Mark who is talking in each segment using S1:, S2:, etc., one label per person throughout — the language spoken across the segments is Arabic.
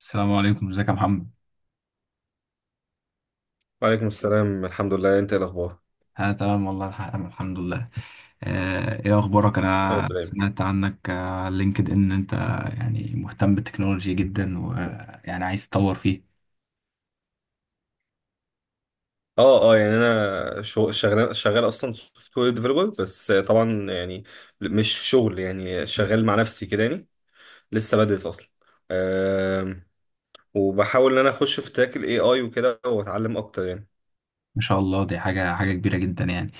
S1: السلام عليكم، ازيك يا محمد؟
S2: وعليكم السلام، الحمد لله. انت ايه الاخبار؟
S1: انا تمام والله. أنا الحمد لله. ايه اخبارك؟
S2: يا
S1: انا
S2: رب دايما.
S1: سمعت عنك على لينكد ان انت يعني مهتم بالتكنولوجيا جدا ويعني عايز تطور فيه.
S2: اه يعني انا شغال، اصلا سوفت وير ديفلوبر، بس طبعا يعني مش شغل، يعني شغال مع نفسي كده يعني. لسه بدرس اصلا. آم، وبحاول ان انا اخش في تراك الاي اي وكده، واتعلم اكتر يعني.
S1: ما شاء الله، دي حاجه كبيره جدا يعني.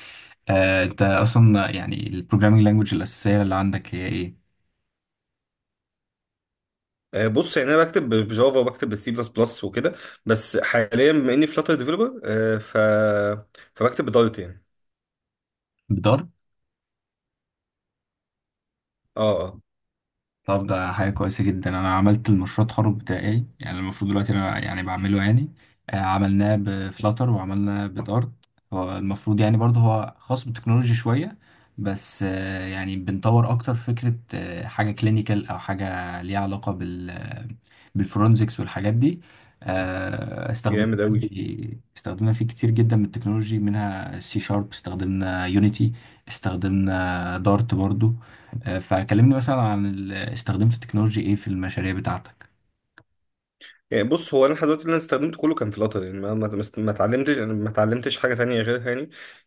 S1: انت اصلا يعني البروجرامينج لانجوج الاساسيه اللي عندك هي ايه؟
S2: بص، يعني انا بكتب بجافا وبكتب بالسي بلس بلس وكده. بس حاليا بما اني فلاتر ديفلوبر ف فبكتب بدارت يعني. اه.
S1: طب ده حاجة كويسة جدا. أنا عملت المشروع التخرج بتاعي، يعني المفروض دلوقتي أنا يعني بعمله يعني. عملناه بفلاتر وعملناه بدارت. هو المفروض يعني برضه هو خاص بالتكنولوجي شوية، بس يعني بنطور أكتر فكرة، حاجة كلينيكال أو حاجة ليها علاقة بالفورنزكس والحاجات دي. آه، استخدمنا
S2: جامد اوي.
S1: استخدمنا فيه كتير جدا من التكنولوجي، منها سي شارب، استخدمنا يونيتي، استخدمنا دارت برضو. فكلمني مثلا عن استخدمت التكنولوجي ايه في المشاريع بتاعتك؟
S2: يعني بص، هو انا لحد دلوقتي اللي انا استخدمته كله كان فلاتر، يعني ما اتعلمتش انا، ما اتعلمتش حاجه تانية غيرها يعني.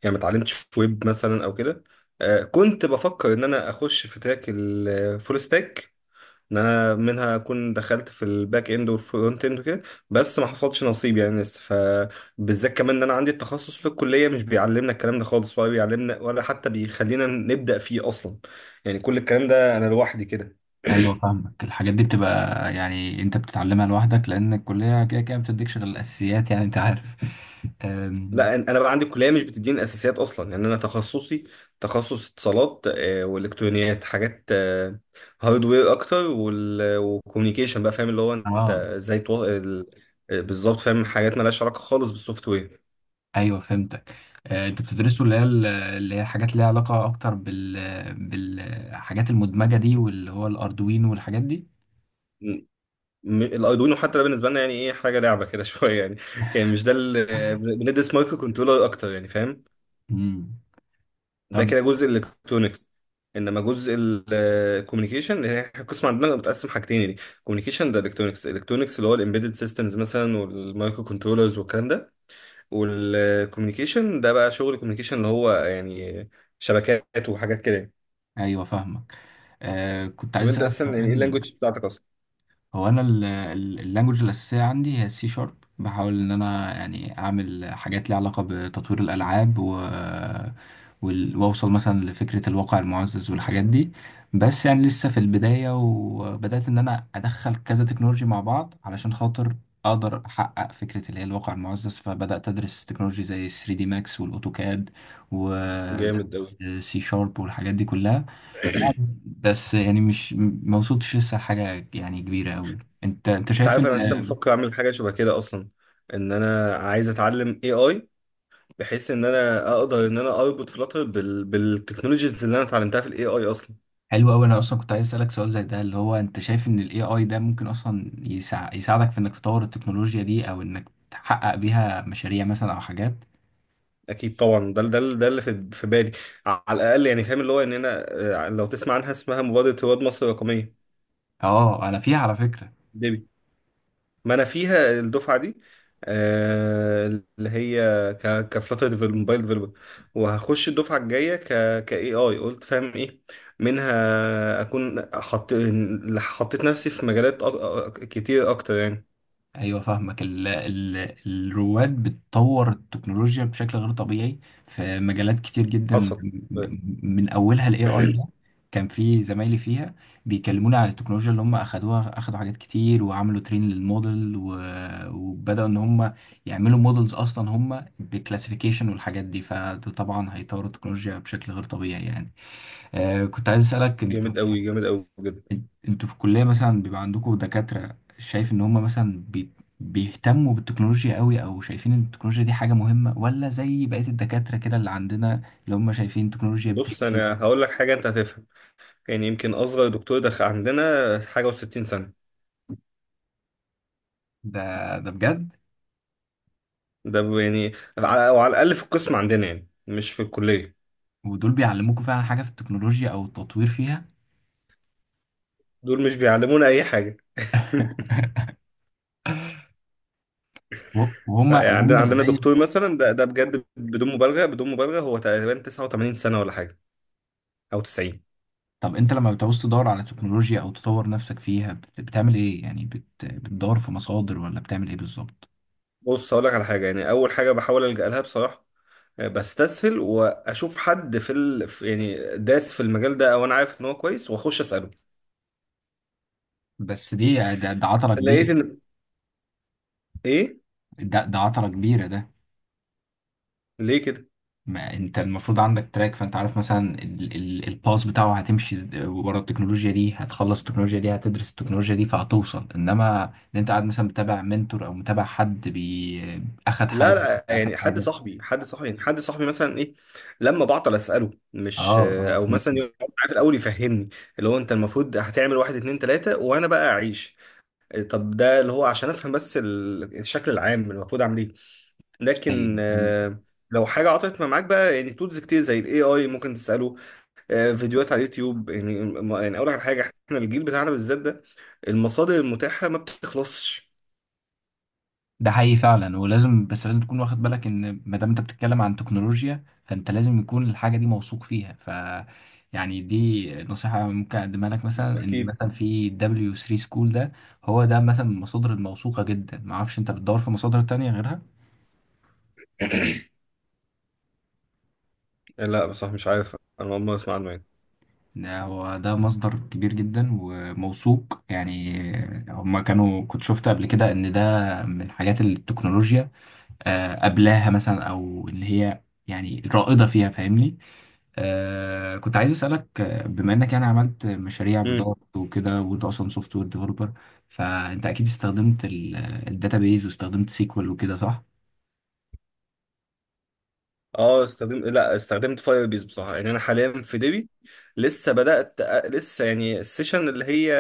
S2: يعني ما اتعلمتش ويب مثلا او كده. آه، كنت بفكر ان انا اخش في تراك الفول ستاك، ان انا منها اكون دخلت في الباك اند والفرونت اند وكده. بس ما حصلش نصيب يعني لسه، فبالذات كمان ان انا عندي التخصص في الكليه مش بيعلمنا الكلام ده خالص، ولا بيعلمنا ولا حتى بيخلينا نبدا فيه اصلا. يعني كل الكلام ده انا لوحدي كده.
S1: ايوه فاهمك. الحاجات دي بتبقى يعني انت بتتعلمها لوحدك، لان الكليه كده كده ما بتديكش غير الاساسيات، يعني انت عارف. آم،
S2: لا، انا بقى عندي كليه مش بتديني الاساسيات اصلا. يعني انا تخصصي تخصص اتصالات، والكترونيات، حاجات هاردوير اكتر، والكوميونيكيشن بقى، فاهم اللي هو انت
S1: اه،
S2: ازاي بالظبط، فاهم حاجات مالهاش علاقه خالص بالسوفت وير.
S1: ايوه فهمتك. انتوا بتدرسوا اللي هي اللي هي حاجات ليها علاقه اكتر بالحاجات المدمجه دي، واللي هو الاردوينو والحاجات دي.
S2: م- الاردوينو حتى ده بالنسبه لنا يعني ايه، حاجه لعبه كده شويه يعني. يعني مش ده بندرس مايكرو كنترولر اكتر يعني، فاهم.
S1: امم
S2: ده
S1: طب،
S2: كده جزء الالكترونكس. انما جزء الكوميونيكيشن، هي القسم عندنا متقسم حاجتين: كوميونيكيشن ده الكترونكس، الكترونكس اللي هو الامبيدد سيستمز مثلا والمايكرو كنترولرز والكلام ده. والكوميونيكيشن ده بقى شغل الكوميونيكيشن، اللي هو يعني شبكات وحاجات كده يعني.
S1: ايوه فاهمك. آه كنت
S2: طب
S1: عايز
S2: انت
S1: اسالك
S2: اصلا يعني ايه
S1: كمان.
S2: اللانجوج بتاعتك اصلا؟
S1: هو انا اللانجوج الاساسيه عندي هي السي شارب. بحاول ان انا يعني اعمل حاجات ليها علاقه بتطوير الالعاب واوصل مثلا لفكره الواقع المعزز والحاجات دي. بس يعني لسه في البدايه، وبدات ان انا ادخل كذا تكنولوجي مع بعض علشان خاطر اقدر احقق فكره اللي هي الواقع المعزز. فبدات ادرس تكنولوجي زي 3 دي ماكس والاوتوكاد،
S2: جامد
S1: ودرست
S2: قوي.
S1: سي شارب والحاجات دي كلها. بس يعني مش ما وصلتش لسه لحاجة يعني كبيرة قوي. انت
S2: انت
S1: شايف
S2: عارف انا اصلا
S1: ان
S2: بفكر اعمل حاجه شبه كده اصلا، ان انا عايز اتعلم اي اي، بحيث ان انا اقدر ان انا اربط فلاتر بالتكنولوجيز اللي انا اتعلمتها في الاي اي اصلا.
S1: حلو قوي. انا اصلا كنت عايز اسالك سؤال زي ده، اللي هو انت شايف ان الاي اي ده ممكن اصلا يساعدك في انك تطور التكنولوجيا دي او انك تحقق بيها مشاريع مثلا او حاجات؟
S2: اكيد طبعا، ده ده اللي في بالي. على الاقل يعني، فاهم اللي هو ان انا، آه، لو تسمع عنها، اسمها مبادره رواد مصر الرقميه،
S1: اه، انا فيها على فكرة.
S2: ديبي. ما انا فيها الدفعه دي، آه، اللي هي كفلاتر موبايل ديفلوبر. وهخش الدفعه الجايه ك اي اي، قلت فاهم ايه، منها اكون حطيت نفسي في مجالات كتير اكتر يعني.
S1: ايوه فاهمك. ال الرواد بتطور التكنولوجيا بشكل غير طبيعي في مجالات كتير جدا.
S2: حصل.
S1: من اولها الاي اي ده. كان في زمايلي فيها بيكلموني على التكنولوجيا اللي هم اخدوها، اخدوا حاجات كتير، وعملوا ترين للموديل، وبداوا ان هم يعملوا موديلز اصلا هم بكلاسيفيكيشن والحاجات دي. فده طبعا هيطوروا التكنولوجيا بشكل غير طبيعي يعني. آه كنت عايز اسالك، انت
S2: جامد قوي، جامد قوي بجد.
S1: انتوا في الكلية مثلا بيبقى عندكم دكاترة شايف ان هم مثلا بيهتموا بالتكنولوجيا قوي، او شايفين ان التكنولوجيا دي حاجة مهمة، ولا زي بقية الدكاترة كده اللي عندنا اللي هم شايفين التكنولوجيا
S2: بص
S1: بتمشي؟
S2: انا هقول لك حاجه انت هتفهم، يعني يمكن أصغر دكتور دخل عندنا حاجة و60 سنة.
S1: ده ده بجد.
S2: يعني، أو على الأقل في القسم عندنا يعني، مش في الكلية.
S1: ودول بيعلموكوا فعلا حاجة في التكنولوجيا او التطوير فيها؟
S2: دول مش بيعلمونا أي حاجة
S1: وهم
S2: يعني
S1: وهم
S2: عندنا
S1: ازاي؟
S2: دكتور مثلا، ده ده بجد بدون مبالغة، بدون مبالغة، هو تقريبا 89 سنة ولا حاجة، أو 90.
S1: طب انت لما بتعوز تدور على تكنولوجيا او تطور نفسك فيها بتعمل ايه يعني؟ بتدور في مصادر ولا بتعمل ايه بالظبط؟
S2: بص هقول لك على حاجة، يعني أول حاجة بحاول ألجأ لها بصراحة، بستسهل واشوف حد يعني داس في المجال ده، او انا عارف ان هو كويس واخش اساله.
S1: بس ده، عطلة
S2: لقيت
S1: كبيرة.
S2: ان، ايه،
S1: ده، عطلة كبيرة ده.
S2: ليه؟
S1: ما انت المفروض عندك تراك، فانت عارف مثلا الباس بتاعه. هتمشي ورا التكنولوجيا دي، هتخلص التكنولوجيا دي، هتدرس التكنولوجيا دي، فهتوصل. انما ان انت قاعد مثلا متابع منتور او متابع حد بي آه، اخد
S2: لا
S1: حاجه
S2: لا
S1: اخد
S2: يعني حد
S1: حاجه؟
S2: صاحبي، حد صاحبي مثلا، ايه، لما بعطل اساله
S1: اه
S2: مش،
S1: اه
S2: او
S1: فهمت.
S2: مثلا يقعد معايا في الاول يفهمني اللي هو انت المفروض هتعمل واحد اتنين تلاته، وانا بقى اعيش. طب ده اللي هو عشان افهم بس الشكل العام المفروض اعمل ايه. لكن
S1: ايوه
S2: لو حاجه عطلت ما معاك بقى، يعني تولز كتير زي الاي اي ممكن تساله، فيديوهات على اليوتيوب يعني. يعني اقول لك على حاجه، احنا الجيل بتاعنا بالذات ده، المصادر المتاحه ما بتخلصش.
S1: ده حقيقي فعلا. ولازم، بس لازم تكون واخد بالك ان ما دام انت بتتكلم عن تكنولوجيا فانت لازم يكون الحاجه دي موثوق فيها. يعني دي نصيحه ممكن اقدمها لك، مثلا ان
S2: اكيد.
S1: مثلا في دبليو 3 سكول ده. هو ده مثلا من المصادر الموثوقه جدا، ما اعرفش انت بتدور في مصادر تانية غيرها.
S2: لا بصراحه مش عارف، انا اول مره اسمع عنه يعني.
S1: ده هو ده مصدر كبير جدا وموثوق يعني. هما كانوا كنت شفت قبل كده ان ده من حاجات التكنولوجيا قبلها مثلا او اللي هي يعني رائده فيها، فاهمني. آه كنت عايز اسالك، بما انك يعني عملت مشاريع
S2: مم.
S1: بضغط وكده، وانت اصلا سوفت وير ديفلوبر، فانت اكيد استخدمت الداتابيز واستخدمت سيكوال وكده، صح؟
S2: اه استخدمت، لا استخدمت فاير بيز بصراحه. يعني انا حاليا في ديبي، لسه بدات، لسه يعني السيشن اللي هي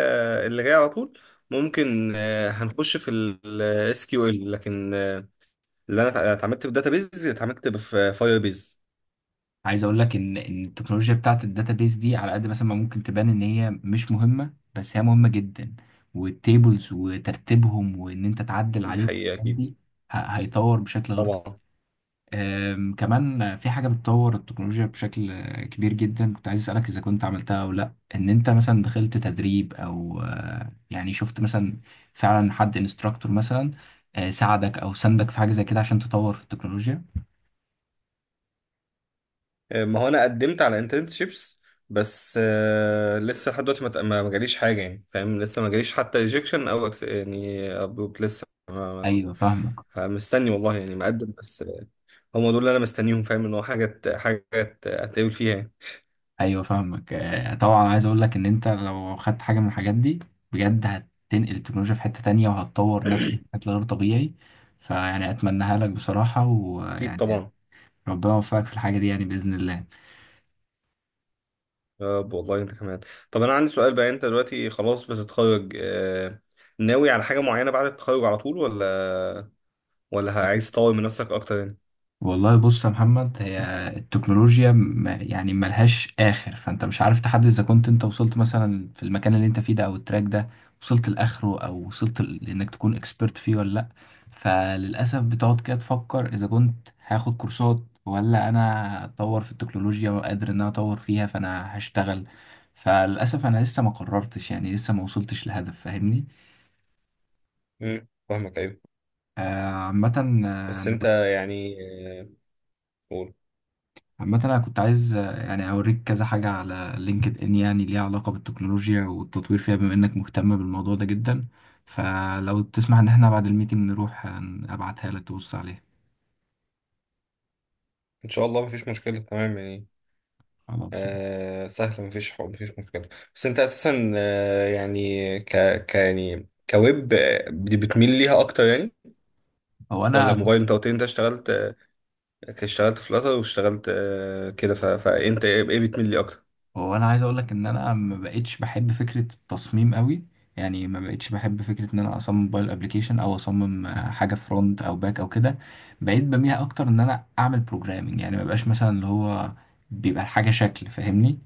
S2: اللي جايه على طول ممكن هنخش في الاس كيو ال، لكن اللي انا اتعاملت في بيز، اتعاملت في فاير بيز.
S1: عايز اقول لك ان التكنولوجيا بتاعت الداتابيز دي على قد مثلا ما ممكن تبان ان هي مش مهمه، بس هي مهمه جدا. والتيبلز وترتيبهم وان انت تعدل
S2: دي
S1: عليهم
S2: حقيقه،
S1: والحاجات
S2: اكيد
S1: دي هيطور بشكل غير.
S2: طبعا.
S1: كمان في حاجة بتطور التكنولوجيا بشكل كبير جدا. كنت عايز أسألك، إذا كنت عملتها أو لأ، إن أنت مثلا دخلت تدريب، أو يعني شفت مثلا فعلا حد انستراكتور مثلا ساعدك أو ساندك في حاجة زي كده عشان تطور في التكنولوجيا؟
S2: ما هو انا قدمت على انترنشيبس، بس لسه لحد دلوقتي ما ت- ما- ما جاليش حاجه يعني، فاهم، لسه ما جاليش حتى ريجكشن او يعني أبروك لسه.
S1: أيوة فاهمك.
S2: فمستني والله يعني، مقدم بس. هم دول اللي انا مستنيهم، فاهم ان هو حاجه حاجه هتقابل فيها يعني.
S1: أيوة فاهمك. طبعا عايز أقول لك إن أنت لو خدت حاجة من الحاجات دي بجد هتنقل التكنولوجيا في حتة تانية وهتطور نفسك بشكل غير طبيعي. فيعني أتمناها لك بصراحة،
S2: اكيد
S1: ويعني
S2: طبعا.
S1: ربنا يوفقك في الحاجة دي يعني بإذن الله.
S2: يا رب والله، انت كمان. طب انا عندي سؤال بقى، انت دلوقتي خلاص بتتخرج، ناوي على حاجه معينه بعد التخرج على طول، ولا عايز تطور من نفسك اكتر يعني؟
S1: والله بص يا محمد، هي التكنولوجيا يعني ملهاش آخر. فأنت مش عارف تحدد إذا كنت أنت وصلت مثلا في المكان اللي أنت فيه ده أو التراك ده وصلت لآخره، أو وصلت لإنك تكون إكسبرت فيه ولا لأ. فللأسف بتقعد كده تفكر إذا كنت هاخد كورسات ولا أنا أتطور في التكنولوجيا وقادر إن أنا أطور فيها فأنا هشتغل. فللأسف أنا لسه ما قررتش يعني، لسه ما وصلتش لهدف، فاهمني.
S2: امم، فاهمك، ايوه.
S1: عامة آه،
S2: بس
S1: أنا
S2: انت يعني، آه، قول.
S1: عامة أنا كنت عايز يعني أوريك كذا حاجة على لينكد إن يعني ليها علاقة بالتكنولوجيا والتطوير فيها، بما إنك مهتم بالموضوع ده جدا. فلو تسمح إن إحنا بعد الميتنج نروح أبعتها لك تبص عليها.
S2: ان شاء الله مفيش مشكله، تمام يعني.
S1: خلاص.
S2: سهل، مفيش حق مفيش مشكله. بس انت اساسا يعني ك يعني كويب بتميل ليها اكتر يعني؟
S1: هو
S2: ولا
S1: أنا
S2: موبايل؟ انت قلت لي انت اشتغلت، اشتغلت فلاتر واشتغلت كده، فانت ايه، إيه بتميل لي اكتر؟
S1: هو أنا عايز أقول لك إن أنا ما بقتش بحب فكرة التصميم قوي. يعني ما بقتش بحب فكرة إن أنا أصمم موبايل أبليكيشن أو أصمم حاجة فرونت أو باك أو كده. بقيت بميل أكتر إن أنا أعمل بروجرامينج. يعني ما بقاش مثلا اللي هو بيبقى الحاجة شكل، فاهمني.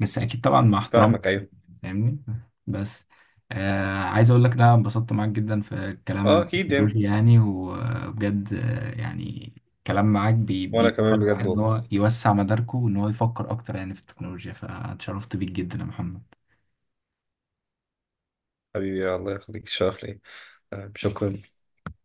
S1: بس أكيد طبعا مع احترام.
S2: فاهمك، ايوه.
S1: فاهمني. بس آه عايز اقول لك، لا انبسطت معاك جدا في الكلام عن
S2: اه اكيد يعني.
S1: التكنولوجيا يعني. وبجد يعني الكلام معاك
S2: وانا
S1: بيخلي
S2: كمان
S1: الواحد
S2: بجد
S1: ان
S2: والله،
S1: هو يوسع مداركه وان هو يفكر اكتر يعني في التكنولوجيا. فاتشرفت بيك جدا يا محمد.
S2: حبيبي الله يخليك، الشرف ليا. تمام، شكرا.